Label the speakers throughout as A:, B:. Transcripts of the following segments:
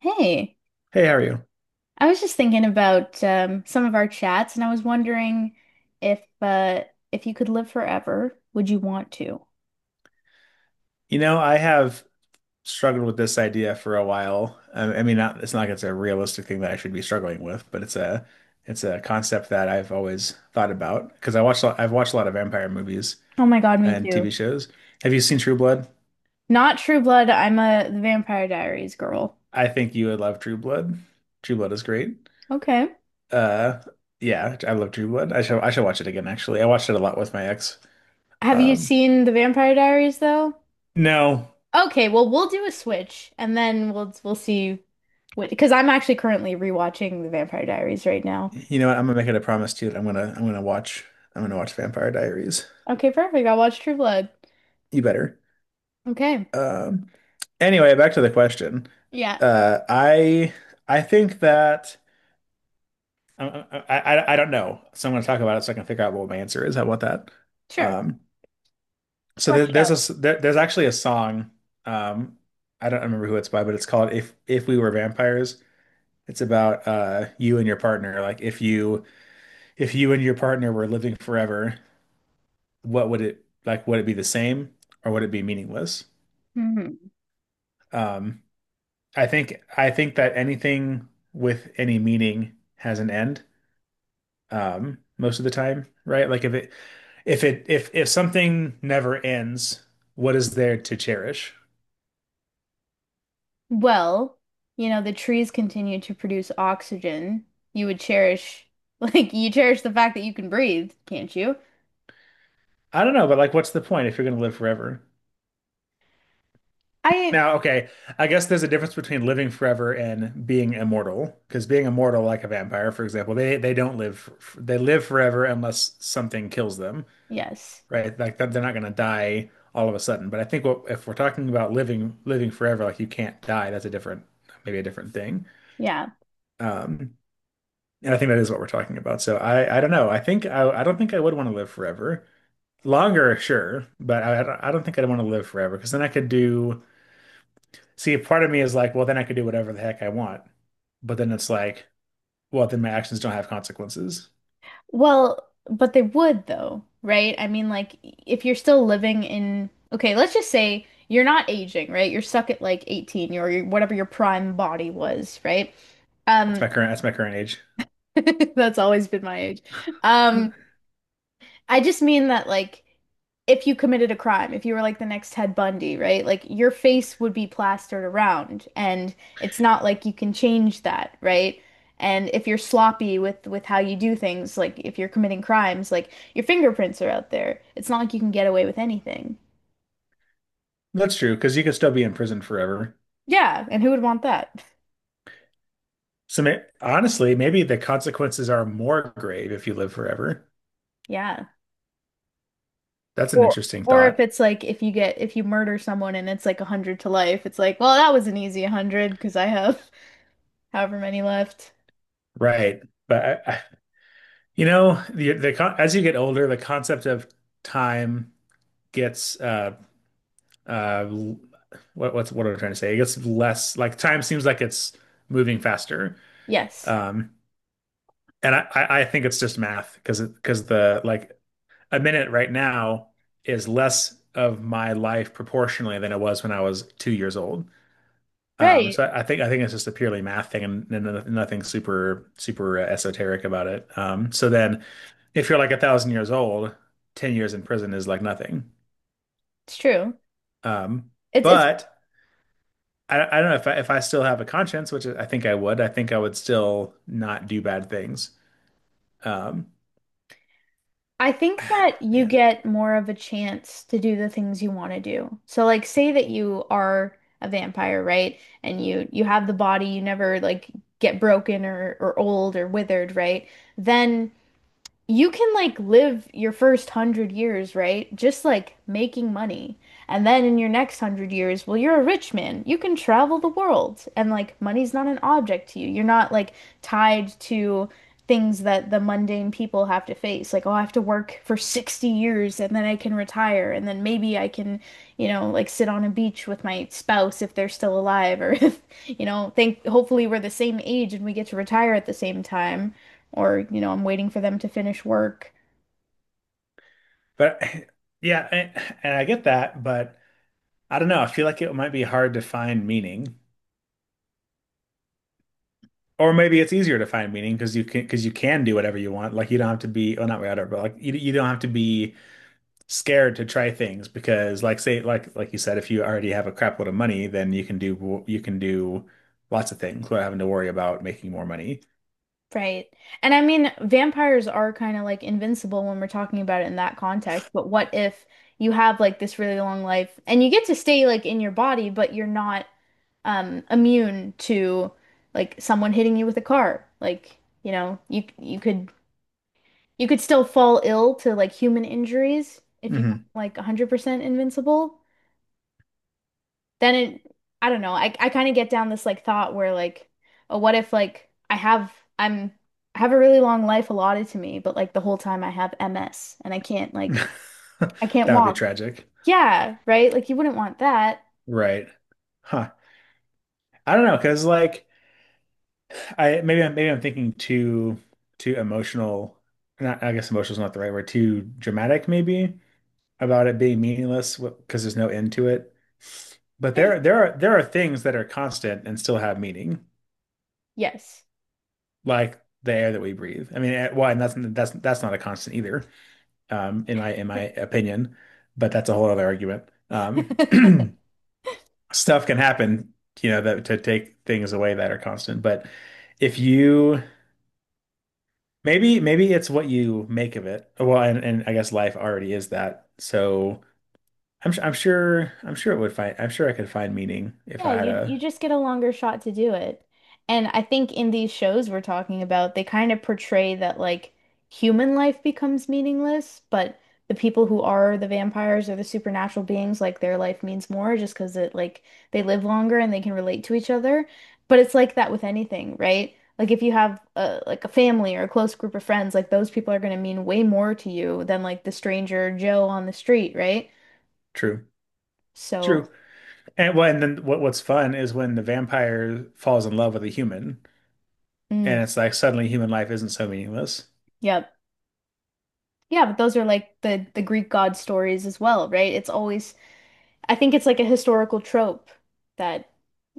A: Hey,
B: Hey, how are you?
A: I was just thinking about some of our chats, and I was wondering if if you could live forever, would you want to?
B: You know, I have struggled with this idea for a while. I mean, not, it's not like it's a realistic thing that I should be struggling with, but it's a concept that I've always thought about because I've watched a lot of vampire movies
A: Oh my God, me
B: and TV
A: too.
B: shows. Have you seen True Blood?
A: Not True Blood. I'm a the Vampire Diaries girl.
B: I think you would love True Blood. True Blood is great.
A: Okay.
B: Uh, yeah, I love True Blood. I shall watch it again, actually. I watched it a lot with my ex.
A: Have you
B: Um,
A: seen the Vampire Diaries though?
B: no,
A: Okay, well we'll do a switch, and then we'll see what because I'm actually currently rewatching the Vampire Diaries right now.
B: you know what? I'm gonna make it a promise to you that I'm gonna watch Vampire Diaries.
A: Okay, perfect. I'll watch True Blood.
B: You better.
A: Okay.
B: Um, anyway, back to the question.
A: Yeah,
B: Uh, I I think that I don't know. So I'm going to talk about it so I can figure out what my answer is. How about that?
A: sure.
B: Um, so
A: Flesh it out.
B: there's actually a song. Um, I don't remember who it's by, but it's called "If We Were Vampires." It's about you and your partner. Like if you and your partner were living forever, what would it like? Would it be the same or would it be meaningless?
A: Mhm.
B: Um, I think that anything with any meaning has an end, most of the time, right? Like if it if it if something never ends, what is there to cherish?
A: Well, you know, the trees continue to produce oxygen. You would cherish, like, you cherish the fact that you can breathe, can't you?
B: I don't know, but like what's the point if you're gonna live forever?
A: I—
B: Now, okay, I guess there's a difference between living forever and being immortal, because being immortal, like a vampire, for example, they live forever unless something kills them.
A: yes.
B: Right? Like that they're not going to die all of a sudden. But I think what, if we're talking about living forever, like you can't die, that's a different maybe a different thing.
A: Yeah.
B: Um, and I think that is what we're talking about. So I don't know. I think I don't think I would want to live forever. Longer, sure, but I don't think I'd want to live forever because then I could do. See, part of me is like, well, then I could do whatever the heck I want. But then it's like, well, then my actions don't have consequences.
A: Well, but they would, though, right? I mean, like, if you're still living in, okay, let's just say you're not aging, right? You're stuck at like 18 or your, whatever your prime body was, right?
B: That's
A: Um,
B: my current that's my current age.
A: that's always been my age. Um, I just mean that like if you committed a crime, if you were like the next Ted Bundy, right? Like your face would be plastered around and it's not like you can change that, right? And if you're sloppy with how you do things, like if you're committing crimes, like your fingerprints are out there. It's not like you can get away with anything.
B: That's true, because you could still be in prison forever.
A: Yeah, and who would want that?
B: So may honestly, maybe the consequences are more grave if you live forever.
A: Yeah.
B: That's an
A: Or
B: interesting
A: or if
B: thought,
A: it's like if you get if you murder someone and it's like 100 to life, it's like, well, that was an easy hundred because I have however many left.
B: right? But you know, the con as you get older, the concept of time gets uh l- what am I trying to say? It gets less, like time seems like it's moving faster.
A: Yes.
B: Um, and I think it's just math because the like a minute right now is less of my life proportionally than it was when I was 2 years old. Um,
A: Right.
B: so I think it's just a purely math thing, and no- nothing super esoteric about it. So then if you're like 1,000 years old, 10 years in prison is like nothing.
A: It's true.
B: Um,
A: It's
B: but I don't know if if I still have a conscience, which I think I would. I think I would still not do bad things. Um,
A: I think that you
B: Man,
A: get more of a chance to do the things you want to do. So like say that you are a vampire, right? And you have the body, you never like get broken or old or withered, right? Then you can like live your first 100 years, right? Just like making money. And then in your next 100 years, well, you're a rich man. You can travel the world. And like money's not an object to you. You're not like tied to things that the mundane people have to face. Like, oh, I have to work for 60 years and then I can retire. And then maybe I can, you know, like sit on a beach with my spouse if they're still alive or if, you know, think hopefully we're the same age and we get to retire at the same time or, you know, I'm waiting for them to finish work.
B: but yeah, and I get that, but I don't know. I feel like it might be hard to find meaning. Or maybe it's easier to find meaning because you can do whatever you want. Like you don't have to be, well, not whatever, but like you don't have to be scared to try things because like say, like you said, if you already have a crapload of money, then you can do lots of things without having to worry about making more money.
A: Right. And I mean, vampires are kind of like invincible when we're talking about it in that context, but what if you have like this really long life and you get to stay like in your body, but you're not immune to like someone hitting you with a car. Like, you know, you could you could still fall ill to like human injuries if you were
B: Hmm.
A: like 100% invincible. Then it— I don't know. I kind of get down this like thought where like, oh, what if like I have— I'm— I have a really long life allotted to me, but like the whole time I have MS and I can't like I can't
B: That would be
A: walk.
B: tragic,
A: Yeah, right? Like you wouldn't want that.
B: right? Huh. I don't know because, like, maybe I'm thinking too emotional. Not, I guess emotional is not the right word. Too dramatic maybe. About it being meaningless because there's no end to it. But
A: There's—
B: there are things that are constant and still have meaning,
A: yes.
B: like the air that we breathe. I mean, well, and that's not a constant either, in my opinion. But that's a whole other argument. Um, stuff can happen, you know, that to take things away that are constant. But if you, maybe it's what you make of it. Well, and I guess life already is that. So I'm su- I'm sure it would find I'm sure I could find meaning if
A: Yeah,
B: I had
A: you
B: a.
A: just get a longer shot to do it. And I think in these shows we're talking about, they kind of portray that like human life becomes meaningless, but the people who are the vampires or the supernatural beings, like their life means more just because it like they live longer and they can relate to each other. But it's like that with anything, right? Like if you have a, like a family or a close group of friends, like those people are going to mean way more to you than like the stranger Joe on the street, right?
B: True, true.
A: So,
B: And, well, and then what what's fun is when the vampire falls in love with a human
A: mm,
B: and it's like suddenly human life isn't so meaningless.
A: yep. Yeah, but those are like the Greek god stories as well, right? It's always— I think it's like a historical trope that,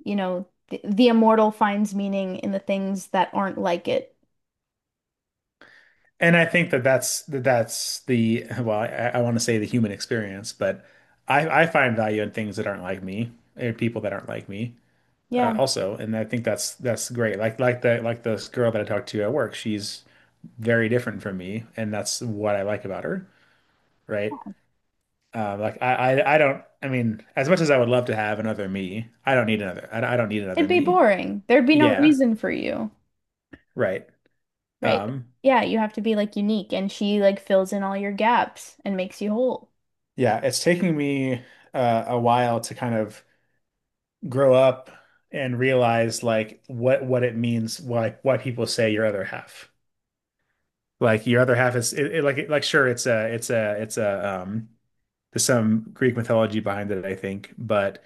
A: you know, the immortal finds meaning in the things that aren't like it.
B: And I think that that's the, well, I want to say the human experience, but I find value in things that aren't like me and people that aren't like me,
A: Yeah.
B: also. And I think that's great, like the, this girl that I talked to at work, she's very different from me and that's what I like about her, right? Like I don't. I mean, as much as I would love to have another me, I don't need another. I don't need another
A: It'd be
B: me.
A: boring. There'd be no
B: Yeah,
A: reason for you,
B: right.
A: right?
B: Um,
A: Yeah, you have to be like unique and she like fills in all your gaps and makes you whole.
B: yeah, it's taking me a while to kind of grow up and realize like what it means. Why people say your other half. Like your other half is, like, sure, it's a it's a it's a there's some Greek mythology behind it I think, but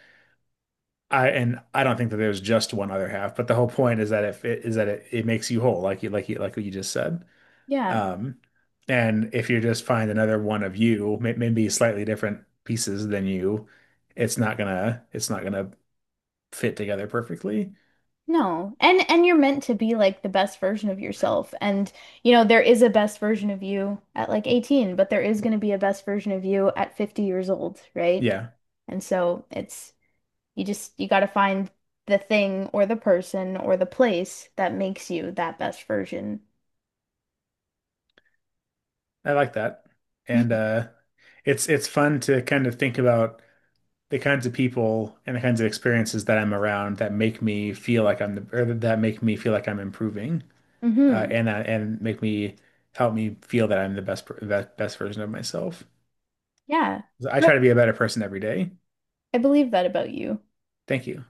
B: I and I don't think that there's just one other half, but the whole point is that if it is that it makes you whole, like you like you like what you just said.
A: Yeah.
B: Um, and if you just find another one of you, maybe slightly different pieces than you, it's not gonna fit together perfectly.
A: No. And you're meant to be like the best version of yourself. And you know, there is a best version of you at like 18, but there is going to be a best version of you at 50 years old, right?
B: Yeah,
A: And so it's— you just— you got to find the thing or the person or the place that makes you that best version.
B: I like that. And it's fun to kind of think about the kinds of people and the kinds of experiences that I'm around that make me feel like I'm the or that make me feel like I'm improving.
A: Mm-hmm.
B: And that, and make me help me feel that I'm the the best version of myself.
A: Yeah,
B: I try to be a better person every day.
A: I believe that about you.
B: Thank you.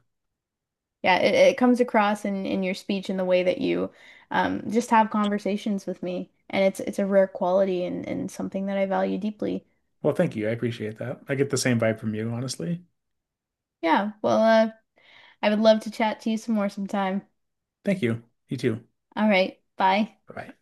A: Yeah, it comes across in your speech and the way that you just have conversations with me. And it's a rare quality and something that I value deeply.
B: Well, thank you. I appreciate that. I get the same vibe from you, honestly.
A: Yeah, well, I would love to chat to you some more sometime.
B: Thank you. You too.
A: All right, bye.
B: Bye-bye.